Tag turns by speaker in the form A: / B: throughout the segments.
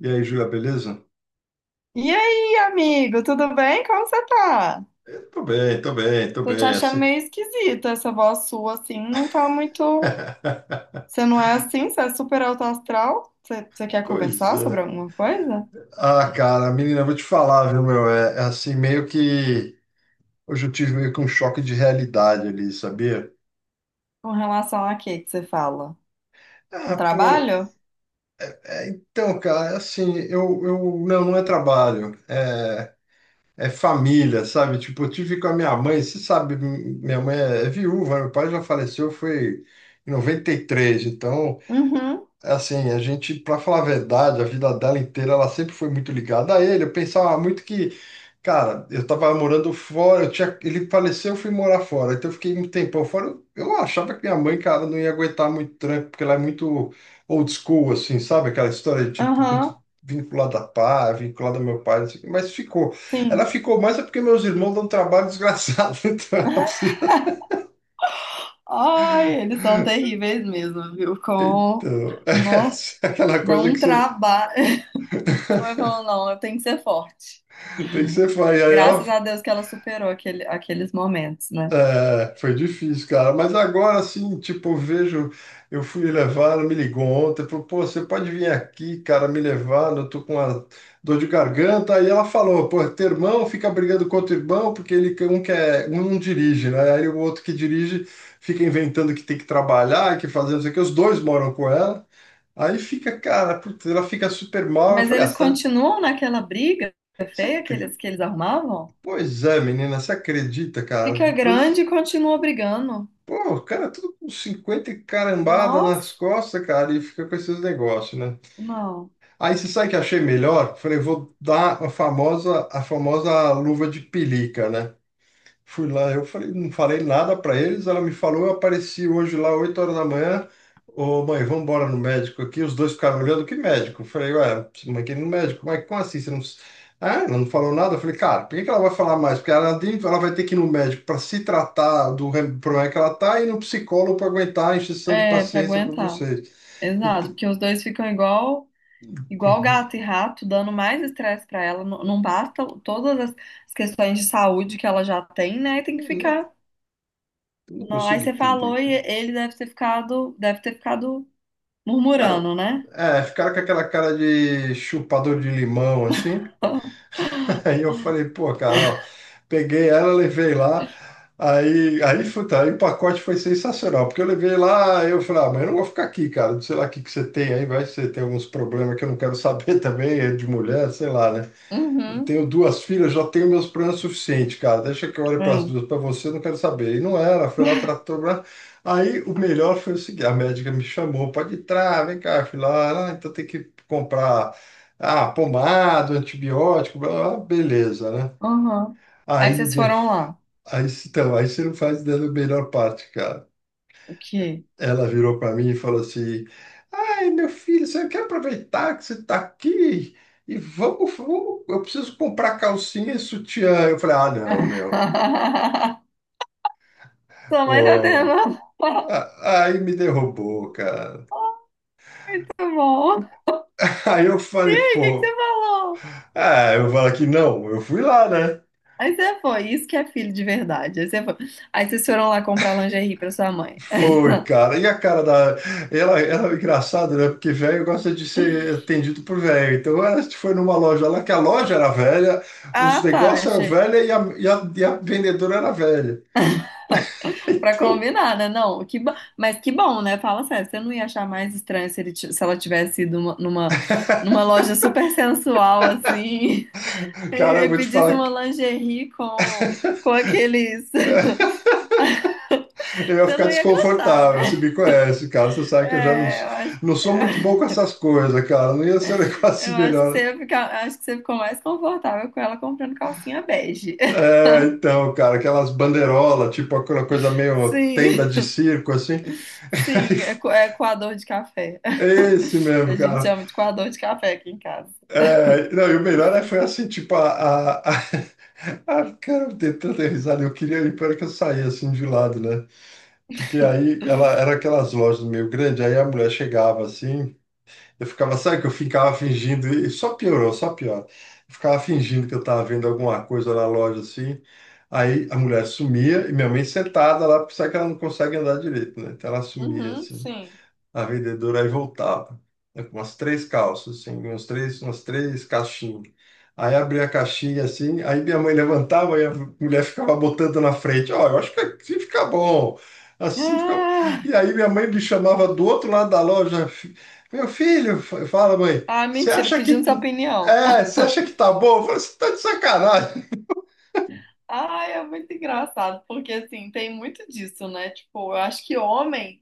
A: E aí, Júlia, beleza?
B: E aí, amigo, tudo bem? Como você tá?
A: Eu tô bem, tô bem, tô
B: Tô te
A: bem,
B: achando
A: assim.
B: meio esquisita essa voz sua, assim, não tá muito. Você não é assim? Você é super alto astral? Você quer
A: Pois
B: conversar sobre
A: é.
B: alguma coisa?
A: Ah, cara, menina, eu vou te falar, viu, meu? É assim, meio que. Hoje eu tive meio que um choque de realidade ali, sabia?
B: Com relação a quê que você fala? Um
A: Ah, pô,
B: trabalho?
A: é, então, cara, é assim, eu, eu. Não, não é trabalho, é família, sabe? Tipo, eu tive com a minha mãe, você sabe, minha mãe é viúva, meu pai já faleceu, foi em 93. Então.
B: Uhum,
A: É, assim, a gente, pra falar a verdade, a vida dela inteira, ela sempre foi muito ligada a ele. Eu pensava muito que, cara, eu tava morando fora, eu tinha, ele faleceu, eu fui morar fora. Então eu fiquei um tempão fora. Eu achava que minha mãe, cara, não ia aguentar muito tranco, porque ela é muito old school, assim, sabe? Aquela história de, tipo, muito
B: aham,
A: vinculada a pai, vinculada ao meu pai, não sei o quê. Mas ficou. Ela
B: sim.
A: ficou mais é porque meus irmãos dão um trabalho desgraçado. Então ela precisa.
B: Ai, eles são terríveis mesmo, viu? Com.
A: Então,
B: Nó,
A: é aquela
B: dá
A: coisa
B: um
A: que você.
B: trabalho. Só vai falando, não, eu tenho que ser forte.
A: Tem que ser fã. E aí ela
B: Graças a Deus que ela superou aqueles momentos, né?
A: É, foi difícil, cara. Mas agora sim, tipo, eu vejo, eu fui levar, ela me ligou ontem, falou, pô, você pode vir aqui, cara, me levar, eu tô com uma dor de garganta. Aí ela falou, pô, teu irmão fica brigando com outro irmão, porque ele um quer, um não dirige, né? Aí o outro que dirige fica inventando que tem que trabalhar, que fazer não sei o que, os dois moram com ela. Aí fica, cara, putz, ela fica super mal. Eu
B: Mas
A: falei, ah,
B: eles
A: você tá.
B: continuam naquela briga
A: você
B: feia
A: acre-
B: que eles arrumavam?
A: Pois é, menina, você acredita, cara?
B: Fica grande
A: Depois.
B: e continua brigando.
A: Pô, cara, é tudo com 50 e carambada
B: Nossa,
A: nas costas, cara, e fica com esses negócios, né?
B: não.
A: Aí você sabe o que eu achei melhor? Falei, vou dar a famosa luva de pelica, né? Fui lá, eu falei, não falei nada para eles. Ela me falou, eu apareci hoje lá 8 horas da manhã. Ô, mãe, vamos embora no médico aqui. Os dois ficaram olhando, que médico? Eu falei, ué, mãe, que no médico? Mas como assim? Você não... Ah, ela não falou nada? Eu falei, cara, por que que ela vai falar mais? Porque ela, ela vai ter que ir no médico para se tratar do problema que ela tá e no psicólogo para aguentar a injeção de
B: É, pra
A: paciência para
B: aguentar.
A: vocês.
B: Exato,
A: Então,
B: porque os dois ficam igual gato e rato, dando mais estresse pra ela. Não basta todas as as questões de saúde que ela já tem, né? E tem que
A: pois é,
B: ficar.
A: eu não
B: Não, aí
A: consigo
B: você
A: entender,
B: falou e
A: cara.
B: ele deve ter deve ter ficado
A: Cara,
B: murmurando, né?
A: é, ficaram com aquela cara de chupador de limão, assim. Aí eu falei, pô, cara, ó, peguei ela, levei lá. Aí, puta, aí o pacote foi sensacional, porque eu levei lá, aí eu falei, ah, mas eu não vou ficar aqui, cara, não sei lá o que que você tem aí, vai que você tem alguns problemas que eu não quero saber também, é de mulher, sei lá, né? Eu
B: Uhum.
A: tenho duas filhas, já tenho meus planos suficientes, cara. Deixa que eu olhe para as
B: É.
A: duas, para você, eu não quero saber. E não era, foi lá, tratou. Blá. Aí o melhor foi o seguinte: a médica me chamou, pode entrar, vem cá, filha. Ah, então tem que comprar ah, pomada, antibiótico, blá, blá, blá. Beleza, né?
B: Uhum. Aí
A: Aí,
B: vocês
A: minha,
B: foram lá.
A: aí, então, aí você não faz ideia da melhor parte, cara.
B: O quê?
A: Ela virou para mim e falou assim. Ei, meu filho, você quer aproveitar que você está aqui? E vamos, vamos, eu preciso comprar calcinha e sutiã. Eu falei, ah, não, meu.
B: Sua mãe tá tendo
A: Pô,
B: um parto
A: Aí me derrubou, cara.
B: bom.
A: Aí eu
B: Aí,
A: falei,
B: o que que você
A: pô,
B: falou?
A: é, eu falo aqui, não, eu fui lá, né?
B: Aí você foi, isso que é filho de verdade. Aí você foi. Aí vocês foram lá comprar lingerie pra sua mãe.
A: Foi, cara. E a cara da. Ela é engraçada, né? Porque velho gosta de ser atendido por velho. Então ela foi numa loja lá, que a loja era velha, os
B: Ah, tá,
A: negócios eram
B: achei.
A: velhos e a vendedora era velha.
B: Pra
A: Então.
B: combinar, né? Não, que bom. Mas que bom, né? Fala sério, você não ia achar mais estranho se, se ela tivesse ido numa, numa loja super sensual, assim, e
A: Cara, eu
B: aí
A: vou te
B: pedisse
A: falar
B: uma
A: que
B: lingerie com aqueles. Você
A: eu ia ficar
B: não ia gostar,
A: desconfortável. Você
B: né?
A: me conhece, cara. Você sabe que eu já
B: É, eu acho.
A: não sou muito bom com essas coisas, cara. Não ia ser um negócio
B: Eu acho que você
A: melhor.
B: ia acho que você ficou mais confortável com ela comprando calcinha bege.
A: É, então, cara, aquelas bandeirolas, tipo aquela coisa meio
B: Sim,
A: tenda de circo, assim.
B: sim, é, é coador de café.
A: Esse
B: A
A: mesmo,
B: gente
A: cara.
B: chama de coador de café aqui em casa.
A: É, não, e o melhor é, foi assim, tipo, a... Ah, cara, eu dei tanta risada, eu queria ir para que eu saísse assim de lado, né? Porque aí ela era aquelas lojas meio grandes, aí a mulher chegava assim, eu ficava, sabe que eu ficava fingindo, e só piorou, só piora. Eu ficava fingindo que eu estava vendo alguma coisa na loja assim, aí a mulher sumia e minha mãe sentada lá, porque sabe que ela não consegue andar direito, né? Então ela sumia
B: Uhum,
A: assim
B: sim.
A: a vendedora aí voltava, né, com umas três calças, assim, uns três, umas três caixinhas. Aí abria a caixinha assim, aí minha mãe levantava e a mulher ficava botando na frente. Ó, eu acho que assim fica bom. Assim fica. E
B: Ah,
A: aí minha mãe me chamava do outro lado da loja. Meu filho, fala, mãe,
B: ah,
A: você
B: mentira,
A: acha
B: pedindo
A: que.
B: sua opinião.
A: É, você acha que tá bom? Eu falei, você tá de sacanagem.
B: Ai, é muito engraçado, porque assim, tem muito disso, né? Tipo, eu acho que homem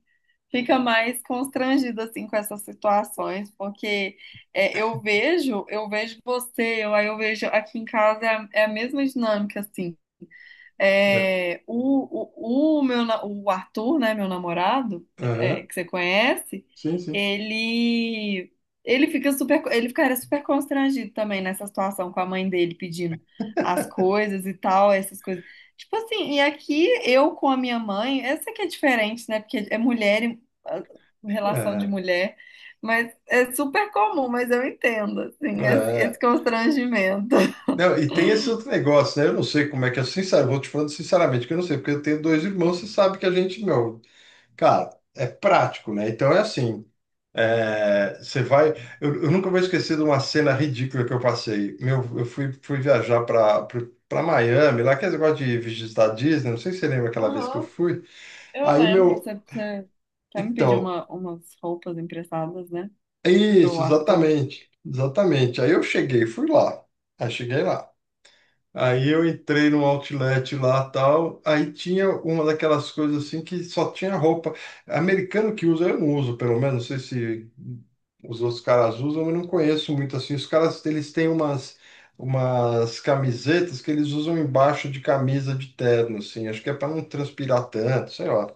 B: fica mais constrangido assim com essas situações, porque é, eu vejo você, eu, aí eu vejo aqui em casa é é a mesma dinâmica assim.
A: É,
B: É, o meu, o Arthur, né, meu namorado, é,
A: aham,
B: que você conhece,
A: sim, sim.
B: ele ele fica super, ele ficaria super constrangido também nessa situação com a mãe dele pedindo as coisas e tal, essas coisas. Tipo assim, e aqui eu com a minha mãe, essa que é diferente, né? Porque é mulher, e, ah, relação de
A: É,
B: mulher, mas é super comum, mas eu entendo, assim, esse
A: é.
B: constrangimento.
A: Não, e tem esse outro negócio, né? Eu não sei como é que é, sincero, vou te falando sinceramente que eu não sei, porque eu tenho dois irmãos, você sabe que a gente, meu, cara, é prático, né? Então é assim, é, você vai. Eu nunca vou esquecer de uma cena ridícula que eu passei. Meu, eu fui, fui viajar para Miami, lá que é esse negócio de visitar Disney, não sei se você lembra aquela vez que eu
B: Aham,
A: fui.
B: Eu
A: Aí,
B: lembro,
A: meu,
B: você até me pediu
A: então,
B: uma, umas roupas emprestadas, né?
A: é
B: Pro
A: isso,
B: Arthur.
A: exatamente, exatamente. Aí eu cheguei, fui lá. Aí cheguei lá. Aí eu entrei no outlet lá tal, aí tinha uma daquelas coisas assim que só tinha roupa. Americano que usa, eu não uso, pelo menos, não sei se os outros caras usam, eu não conheço muito assim. Os caras, eles têm umas, umas camisetas que eles usam embaixo de camisa de terno, assim, acho que é para não transpirar tanto, sei lá.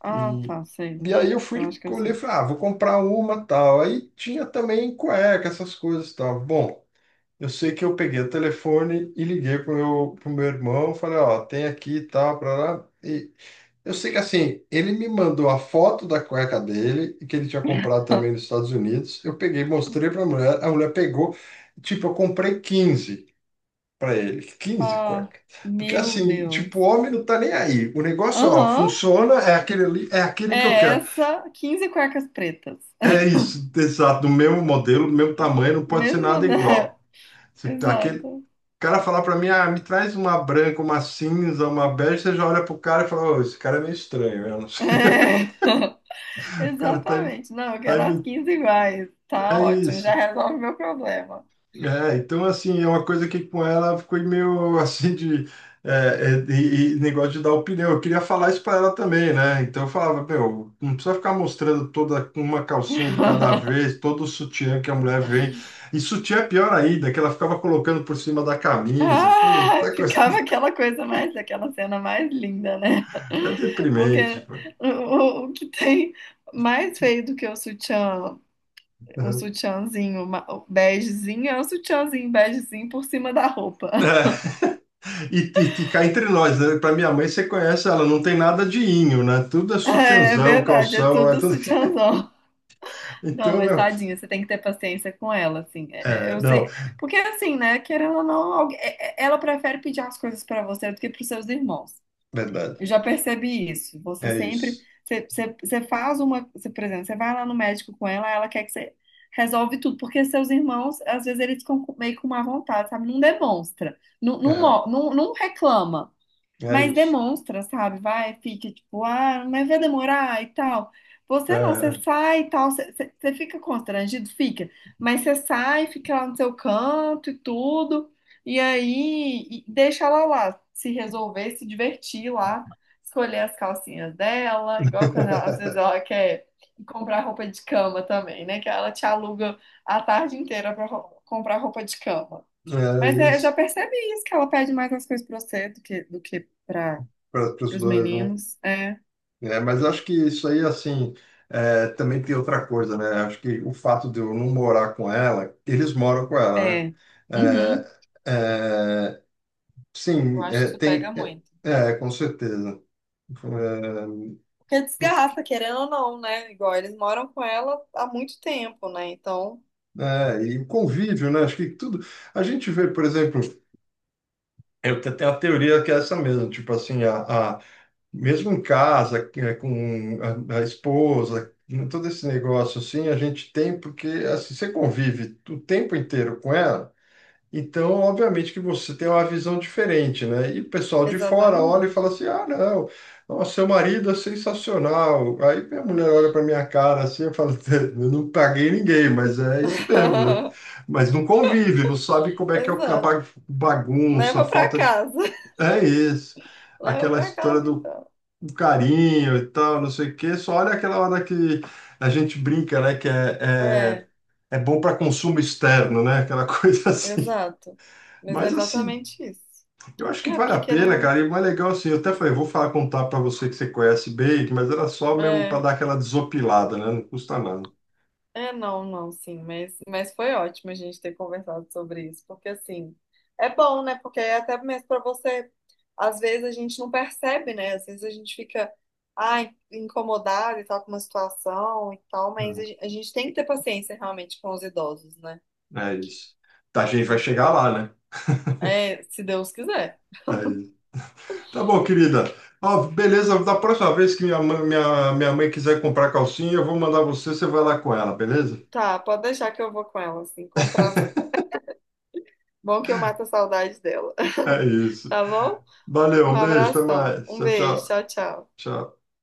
B: Ah,
A: E,
B: tá, sei.
A: e aí eu
B: Eu acho
A: fui
B: que eu
A: olhei e
B: sei.
A: falei, ah, vou comprar uma tal. Aí tinha também cueca, essas coisas tal. Bom. Eu sei que eu peguei o telefone e liguei pro meu irmão, falei, ó, tem aqui e tal, pra lá. E eu sei que assim, ele me mandou a foto da cueca dele, que ele tinha comprado também nos Estados Unidos. Eu peguei, mostrei pra mulher, a mulher pegou, tipo, eu comprei 15 pra ele, quinze
B: Ah,
A: cuecas. Porque
B: meu
A: assim, tipo, o
B: Deus.
A: homem não tá nem aí. O negócio, ó,
B: Aham,
A: funciona, é aquele ali, é
B: é
A: aquele que eu quero.
B: essa, 15 cuecas pretas.
A: É isso, exato, do mesmo modelo, do mesmo tamanho, não pode ser nada
B: Mesmo da.
A: igual. Se tá aquele,
B: Exato.
A: cara falar pra mim, ah, me traz uma branca, uma cinza, uma bege, você já olha pro cara e fala, ô, esse cara é meio estranho, eu não sei,
B: É.
A: o cara tá,
B: Exatamente. Não, eu
A: tá,
B: quero as
A: imitando,
B: 15 iguais. Tá
A: é
B: ótimo, já
A: isso.
B: resolve meu problema.
A: É, então, assim, é uma coisa que com ela ficou meio, assim, de, é, e negócio de dar opinião, eu queria falar isso pra ela também, né, então eu falava, meu, não precisa ficar mostrando toda uma calcinha de cada vez, todo o sutiã que a mulher vem, e sutiã é pior ainda, que ela ficava colocando por cima da camisa,
B: Ah,
A: puta coisa,
B: ficava aquela coisa aquela cena mais linda, né?
A: é
B: Porque
A: deprimente, pô.
B: o que tem mais feio do que o sutiã, o begezinho é o sutiãzinho begezinho por cima da roupa.
A: É, e cá entre nós, né? Pra minha mãe, você conhece ela, não tem nada de inho, né? Tudo é
B: É,
A: sutiãzão,
B: verdade, é
A: calção, é
B: tudo
A: tudo.
B: sutiãzão. Não,
A: Então,
B: mas
A: meu.
B: tadinha, você tem que ter paciência com ela, assim. É,
A: É,
B: eu
A: não,
B: sei. Porque assim, né, querendo ou não, ela prefere pedir as coisas pra você do que pros seus irmãos. Eu
A: verdade.
B: já percebi isso.
A: É isso.
B: Você faz uma, você, por exemplo, você vai lá no médico com ela, ela quer que você resolve tudo, porque seus irmãos, às vezes eles ficam meio com má vontade, sabe? Não demonstra,
A: É,
B: não reclama.
A: é
B: Mas
A: isso.
B: demonstra, sabe? Vai, fica tipo, ah, mas vai demorar e tal. Você não, você
A: É,
B: sai e tal, você fica constrangido, fica. Mas você sai, fica lá no seu canto e tudo, e deixa ela lá, se resolver, se divertir lá, escolher as calcinhas dela, igual quando ela- às vezes ela quer ir comprar roupa de cama também, né? Que ela te aluga a tarde inteira para comprar roupa de cama.
A: é
B: Mas é, eu já
A: isso.
B: percebi isso, que ela pede mais as coisas pra você do que para
A: Para os
B: os
A: dois, né?
B: meninos. É,
A: É, mas acho que isso aí, assim, é, também tem outra coisa, né? Acho que o fato de eu não morar com ela, eles moram com ela,
B: é. Uhum.
A: né? É, é,
B: Eu
A: sim,
B: acho que
A: é,
B: isso pega
A: tem.
B: muito.
A: é, é, com certeza.
B: Porque desgasta, querendo ou não, né? Igual eles moram com ela há muito tempo, né? Então,
A: É, e o convívio, né? Acho que tudo. A gente vê, por exemplo, eu tenho a teoria que é essa mesmo, tipo assim, mesmo em casa, que é com a esposa, né, todo esse negócio assim, a gente tem porque assim, você convive o tempo inteiro com ela. Então, obviamente que você tem uma visão diferente, né? E o pessoal de fora olha e fala
B: exatamente.
A: assim: ah, não, nossa, seu marido é sensacional. Aí minha mulher olha para minha cara assim e fala: eu não paguei ninguém, mas é isso mesmo, né? Mas não convive, não sabe como é que é o
B: Exato.
A: bagunça, a
B: Leva pra
A: falta de.
B: casa.
A: É isso,
B: Leva
A: aquela
B: pra
A: história
B: casa,
A: do
B: então.
A: carinho e tal, não sei o quê. Só olha aquela hora que a gente brinca, né? Que é, é,
B: É,
A: é bom para consumo externo, né? Aquela coisa assim.
B: exato. Mas é
A: Mas assim,
B: exatamente isso.
A: eu acho que
B: É,
A: vale
B: porque
A: a pena,
B: querendo.
A: cara. E o mais legal, assim, eu até falei, vou falar contar para você que você conhece bem, mas era só mesmo para
B: É.
A: dar aquela desopilada, né? Não custa nada.
B: É, não, não, sim, mas foi ótimo a gente ter conversado sobre isso, porque assim, é bom, né? Porque é até mesmo para você, às vezes a gente não percebe, né? Às vezes ai, incomodado e tal com uma situação e tal, mas
A: Uhum.
B: a gente tem que ter paciência realmente com os idosos, né?
A: É isso. Tá, a gente vai
B: E,
A: chegar lá, né?
B: é, se Deus quiser.
A: É isso. Tá bom, querida. Ó, beleza, da próxima vez que minha mãe quiser comprar calcinha, eu vou mandar você, você vai lá com ela, beleza?
B: Tá, pode deixar que eu vou com ela, assim, com prazer. Bom que eu mato a saudade dela,
A: É isso.
B: tá bom?
A: Valeu,
B: Um
A: um beijo, até
B: abração,
A: mais.
B: um
A: Tchau,
B: beijo,
A: tchau.
B: tchau, tchau.
A: Tchau.